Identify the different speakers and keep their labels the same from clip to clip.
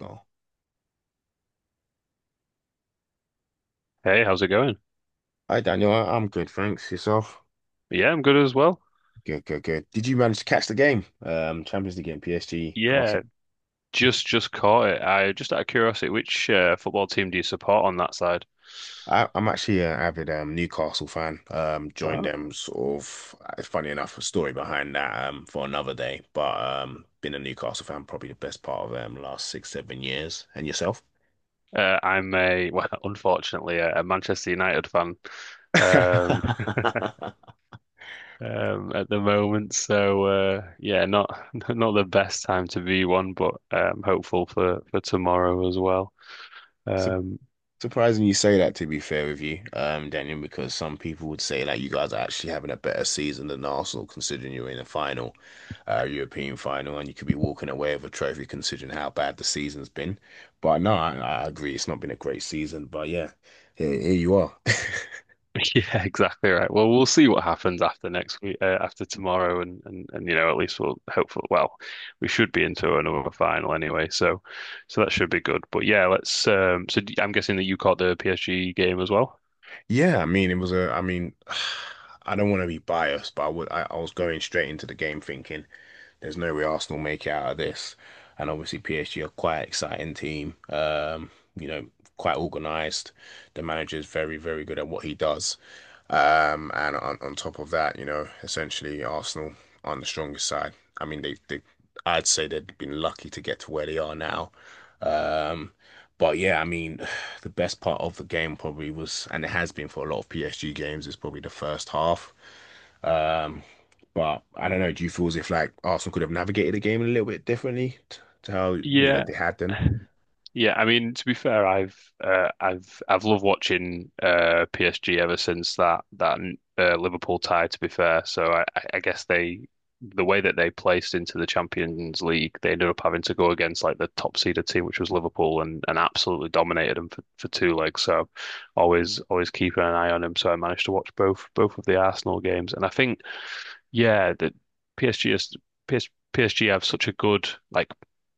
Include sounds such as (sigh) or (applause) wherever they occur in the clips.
Speaker 1: Oh,
Speaker 2: Hey, how's it going?
Speaker 1: hi Daniel. I'm good, thanks. Yourself?
Speaker 2: Yeah, I'm good as well.
Speaker 1: Good, good, good. Did you manage to catch the game? Champions League game, PSG.
Speaker 2: Yeah,
Speaker 1: Awesome.
Speaker 2: just caught it. I just out of curiosity, which football team do you support on that side?
Speaker 1: I'm actually an avid Newcastle fan. Joined
Speaker 2: Ah.
Speaker 1: them sort of. It's funny enough, a story behind that, for another day. But been a Newcastle fan probably the best part of last 6, 7 years. And yourself?
Speaker 2: I'm a, well, (laughs) unfortunately, a Manchester United fan um,
Speaker 1: (laughs)
Speaker 2: (laughs) at the moment. So yeah, not (laughs) not the best time to be one, but hopeful for tomorrow as well.
Speaker 1: So,
Speaker 2: Um,
Speaker 1: surprising you say that, to be fair with you, Daniel, because some people would say like you guys are actually having a better season than Arsenal, considering you're in the final, European final, and you could be walking away with a trophy, considering how bad the season's been. But no, I agree, it's not been a great season. But yeah, here you are. (laughs)
Speaker 2: (laughs) Yeah, exactly right. Well, we'll see what happens after next week, after tomorrow, and at least we'll hopefully. Well, we should be into another final anyway, so that should be good. But yeah, let's. So I'm guessing that you caught the PSG game as well.
Speaker 1: Yeah, I mean, (sighs) I don't want to be biased, but I was going straight into the game thinking. There's no way Arsenal make it out of this. And obviously PSG are quite an exciting team. You know, quite organised. The manager's very, very good at what he does. And on top of that, you know, essentially Arsenal on the strongest side. I mean, they I'd say they've been lucky to get to where they are now. Um, but yeah, I mean, (sighs) the best part of the game probably was, and it has been for a lot of PSG games, is probably the first half. Um, but I don't know. Do you feel as if like Arsenal could have navigated the game a little bit differently, to how you know
Speaker 2: Yeah,
Speaker 1: they had them?
Speaker 2: yeah, I mean, to be fair, I've loved watching PSG ever since that Liverpool tie. To be fair, so I guess the way that they placed into the Champions League, they ended up having to go against like the top seeded team, which was Liverpool, and absolutely dominated them for two legs. So always keeping an eye on him. So I managed to watch both of the Arsenal games, and I think yeah, that PSG is PS, PSG have such a good like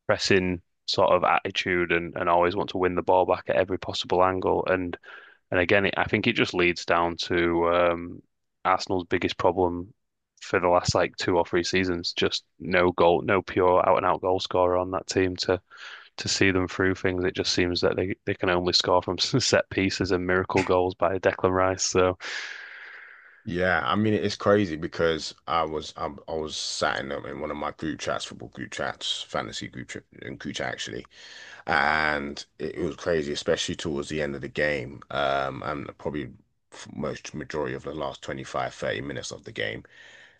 Speaker 2: pressing sort of attitude. And always want to win the ball back at every possible angle. And again, I think it just leads down to Arsenal's biggest problem for the last like two or three seasons. Just no goal, no pure out and out goal scorer on that team to see them through things. It just seems that they can only score from (laughs) set pieces and miracle goals by Declan Rice. So
Speaker 1: Yeah, I mean it's crazy because I was sat in one of my group chats, football group chats, fantasy group chat, and group chat actually, and it was crazy, especially towards the end of the game, and probably most majority of the last 25-30 minutes of the game.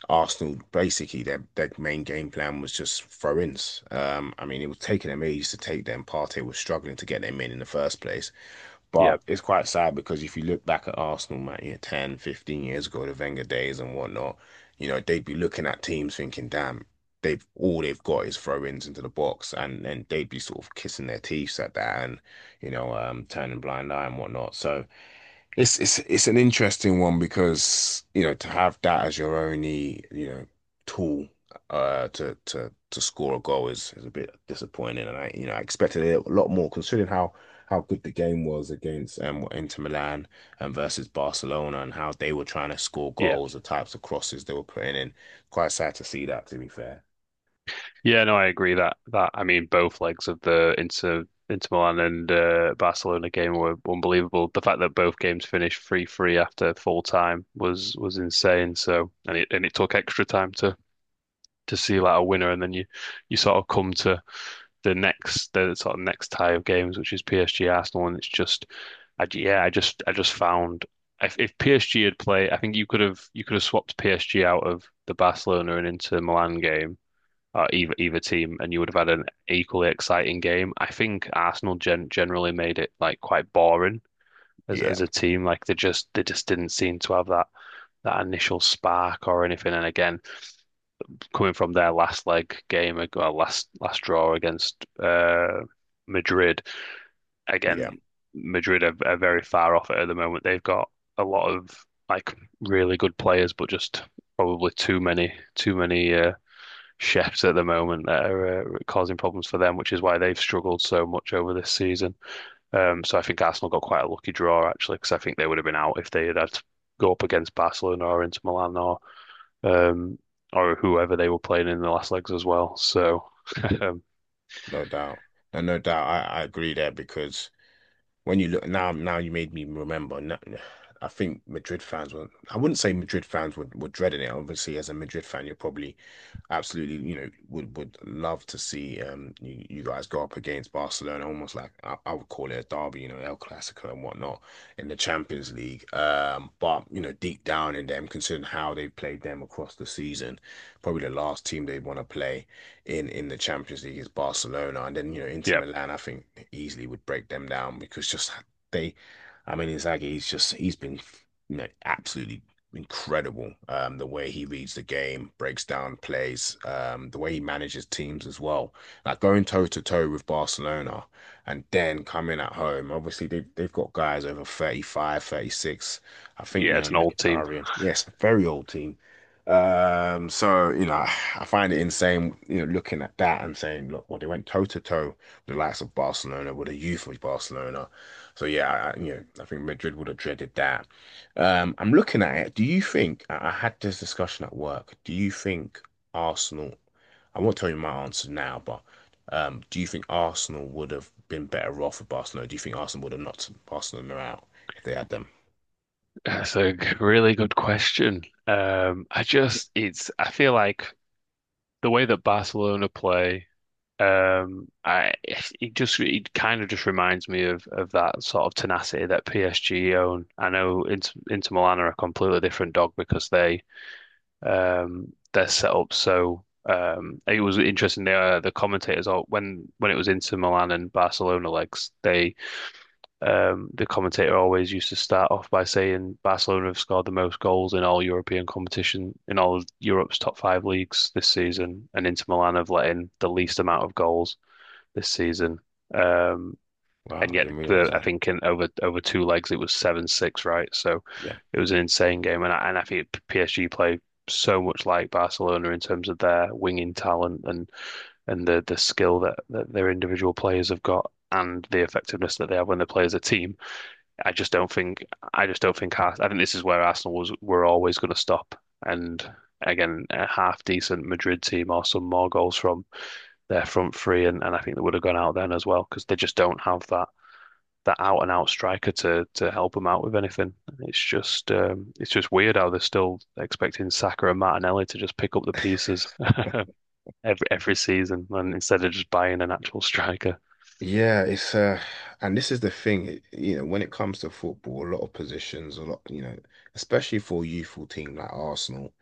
Speaker 1: Arsenal basically their main game plan was just throw-ins. I mean, it was taking them ages to take them. Partey was struggling to get them in the first place.
Speaker 2: yeah,
Speaker 1: But it's quite sad because if you look back at Arsenal, man, you know, 10, 15 years ago, the Wenger days and whatnot, you know, they'd be looking at teams thinking, damn, they've got is throw-ins into the box, and then they'd be sort of kissing their teeth at that, and you know, turning blind eye and whatnot. So. It's an interesting one, because you know to have that as your only, you know, tool to score a goal is a bit disappointing, and I, you know, I expected it a lot more considering how good the game was against Inter Milan and versus Barcelona, and how they were trying to score
Speaker 2: yeah.
Speaker 1: goals, the types of crosses they were putting in. Quite sad to see that, to be fair.
Speaker 2: Yeah, no, I agree that I mean both legs of the Inter Milan and Barcelona game were unbelievable. The fact that both games finished 3-3 after full time was insane. So and it took extra time to see like a winner, and then you sort of come to the sort of next tie of games, which is PSG Arsenal, and it's just yeah, I just found if PSG had played, I think you could have swapped PSG out of the Barcelona and Inter Milan game, either team, and you would have had an equally exciting game. I think Arsenal generally made it like quite boring as
Speaker 1: Yeah.
Speaker 2: as a team. Like they just didn't seem to have that initial spark or anything. And again, coming from their last leg game, well, last draw against Madrid,
Speaker 1: Yeah,
Speaker 2: again, Madrid are very far off it at the moment. They've got a lot of like really good players, but just probably too many chefs at the moment that are causing problems for them, which is why they've struggled so much over this season. So I think Arsenal got quite a lucky draw actually, because I think they would have been out if they had had to go up against Barcelona or Inter Milan um, or whoever they were playing in the last legs as well. So um,
Speaker 1: no doubt. No doubt, I agree there, because when you look now, you made me remember. No, I think Madrid fans were. I wouldn't say Madrid fans were dreading it. Obviously, as a Madrid fan, you're probably absolutely, you know, would love to see, you guys go up against Barcelona, almost like I would call it a derby, you know, El Clasico and whatnot, in the Champions League. But you know, deep down in them, considering how they played them across the season, probably the last team they'd want to play in the Champions League is Barcelona. And then you know, Inter
Speaker 2: yeah,
Speaker 1: Milan, I think, easily would break them down, because just they, I mean, Inzaghi, he's been. You know, absolutely incredible. The way he reads the game, breaks down plays, the way he manages teams as well. Like going toe to toe with Barcelona and then coming at home. Obviously, they've got guys over 35, 36. I think,
Speaker 2: yeah,
Speaker 1: you know,
Speaker 2: it's an old team.
Speaker 1: Mkhitaryan. Yes, very old team. So, you know, I find it insane, you know, looking at that and saying, look, well, they went toe to toe with the likes of Barcelona, with the youth of Barcelona. So, yeah, you know, I think Madrid would have dreaded that. I'm looking at it. Do you think, I had this discussion at work, do you think Arsenal? I won't tell you my answer now, but do you think Arsenal would have been better off with Barcelona? Do you think Arsenal would have knocked Barcelona out if they had them?
Speaker 2: (laughs) That's a really good question. I just it's I feel like the way that Barcelona play. I it just it kind of just reminds me of that sort of tenacity that PSG own. I know Inter Milan are a completely different dog because they're set up so, it was interesting, the the commentators all when it was Inter Milan and Barcelona legs, the commentator always used to start off by saying Barcelona have scored the most goals in all European competition in all of Europe's top five leagues this season, and Inter Milan have let in the least amount of goals this season. Um,
Speaker 1: Wow,
Speaker 2: and
Speaker 1: I
Speaker 2: yet,
Speaker 1: didn't realize
Speaker 2: the I
Speaker 1: that.
Speaker 2: think in over two legs it was 7-6, right? So
Speaker 1: Yeah.
Speaker 2: it was an insane game, and I think PSG play so much like Barcelona in terms of their winging talent and the skill that their individual players have got. And the effectiveness that they have when they play as a team, I just don't think. I just don't think. I think this is where Arsenal was were always going to stop. And again, a half decent Madrid team or some more goals from their front three, and I think they would have gone out then as well because they just don't have that out and out striker to help them out with anything. It's just it's just weird how they're still expecting Saka and Martinelli to just pick up the pieces (laughs) every season, and instead of just buying an actual striker.
Speaker 1: Yeah, it's and this is the thing, you know, when it comes to football, a lot of positions, a lot, you know, especially for a youthful team like Arsenal.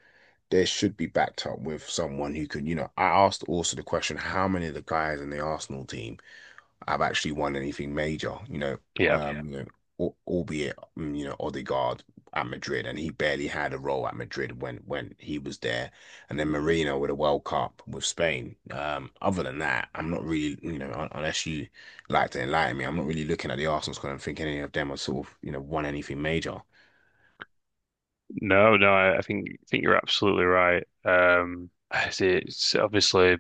Speaker 1: There should be backed up with someone who can, you know, I asked also the question, how many of the guys in the Arsenal team have actually won anything major? You know,
Speaker 2: Yeah,
Speaker 1: yeah. You know, albeit, you know, Odegaard at Madrid, and he barely had a role at Madrid when he was there, and then Marino with a World Cup with Spain. Other than that, I'm not really, you know, unless you like to enlighten me, I'm not really looking at the Arsenal squad and thinking any of them have sort of, you know, won anything major.
Speaker 2: no, no, I think you're absolutely right. It's obviously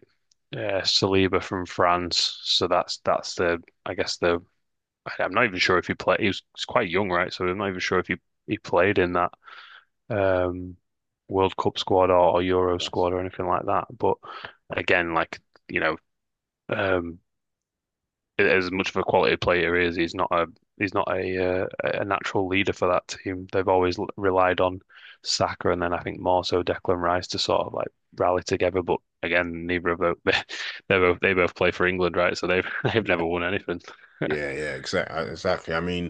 Speaker 2: Saliba from France, so that's the, I guess, the, I'm not even sure if he played. He's quite young, right? So I'm not even sure if he played in that um, World Cup squad or Euro
Speaker 1: Yes.
Speaker 2: squad or anything like that. But again, like you know, um, as much of a quality player he is, he's not a natural leader for that team. They've always relied on Saka, and then I think more so Declan Rice to sort of like rally together. But again, neither of them (laughs) they both play for England, right? So they've (laughs) they've
Speaker 1: Yeah,
Speaker 2: never won anything. (laughs)
Speaker 1: yeah, yeah, exactly, exactly. I mean,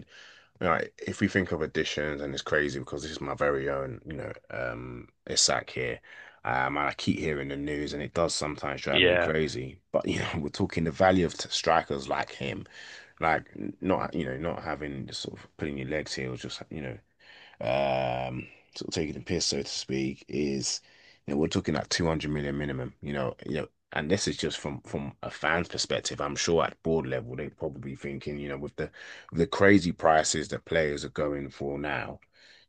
Speaker 1: you if we think of additions, and it's crazy because this is my very own, you know, Isak here. And I keep hearing the news, and it does sometimes drive me
Speaker 2: Yeah,
Speaker 1: crazy. But you know, (laughs) we're talking the value of strikers like him, like not, you know, not having just sort of putting your legs here, or just you know, um, sort of taking the piss, so to speak. Is, you know, we're talking at 200 million minimum. You know, and this is just from a fan's perspective. I'm sure at board level they're probably thinking, you know, with the crazy prices that players are going for now,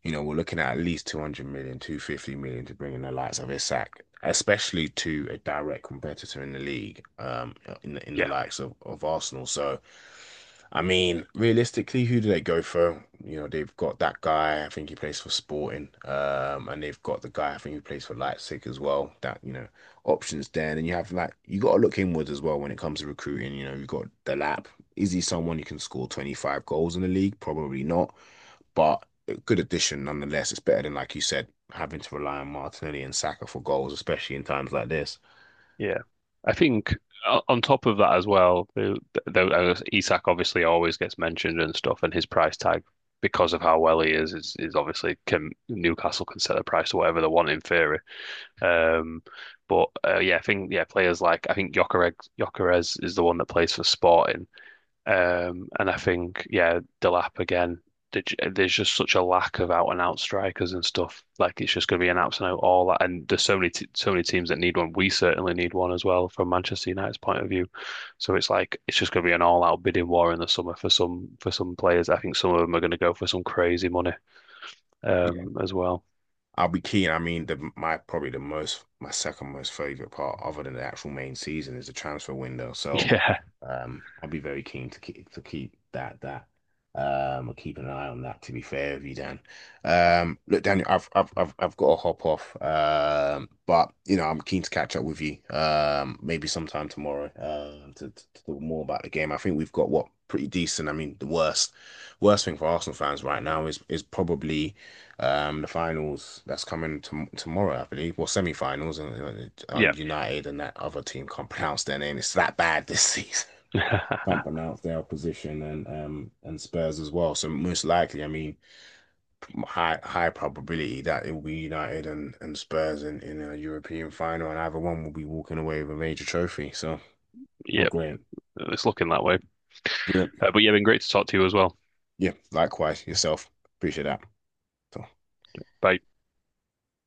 Speaker 1: you know, we're looking at least 200 million, 250 million to bring in the likes of Isak, especially to a direct competitor in the league, in the
Speaker 2: yeah.
Speaker 1: likes of Arsenal. So, I mean, realistically, who do they go for? You know, they've got that guy, I think he plays for Sporting, and they've got the guy, I think he plays for Leipzig as well. That, you know, options there. And then you have like, you got to look inwards as well when it comes to recruiting. You know, you've got Delap. Is he someone who can score 25 goals in the league? Probably not, but a good addition nonetheless. It's better than, like you said, having to rely on Martinelli and Saka for goals, especially in times like this.
Speaker 2: Yeah, I think on top of that as well, the Isak obviously always gets mentioned and stuff, and his price tag because of how well he is, is obviously, can Newcastle can set the price to whatever they want in theory. Um, but yeah, I think players like I think Gyökeres is the one that plays for Sporting. And I think, yeah, Delap again, there's just such a lack of out and out strikers and stuff. Like it's just going to be an out and out all that. And there's so many t so many teams that need one. We certainly need one as well from Manchester United's point of view. So it's like it's just going to be an all out bidding war in the summer for some players. I think some of them are going to go for some crazy money
Speaker 1: Yeah.
Speaker 2: as well.
Speaker 1: I'll be keen. I mean, the my probably the most my second most favorite part, other than the actual main season, is the transfer window. So,
Speaker 2: Yeah,
Speaker 1: I'll be very keen to keep that that keeping an eye on that. To be fair with you, Dan. Look, Daniel, I've got to hop off. But you know, I'm keen to catch up with you. Maybe sometime tomorrow. To talk more about the game. I think we've got what pretty decent. I mean, the worst thing for Arsenal fans right now is probably. The finals that's coming tomorrow, I believe, well, semi-finals, and on
Speaker 2: yeah,
Speaker 1: United and that other team can't (laughs) pronounce their name. It's that bad this (laughs) season. Can't
Speaker 2: (laughs)
Speaker 1: pronounce their opposition, and Spurs as well. So most likely, I mean, high probability that it will be United and Spurs in a European final, and either one will be walking away with a major trophy. So, oh,
Speaker 2: yep.
Speaker 1: great,
Speaker 2: It's looking that way.
Speaker 1: great.
Speaker 2: But yeah, been great to talk to you as well.
Speaker 1: Yeah. Likewise, yourself. Appreciate that. So.
Speaker 2: Bye.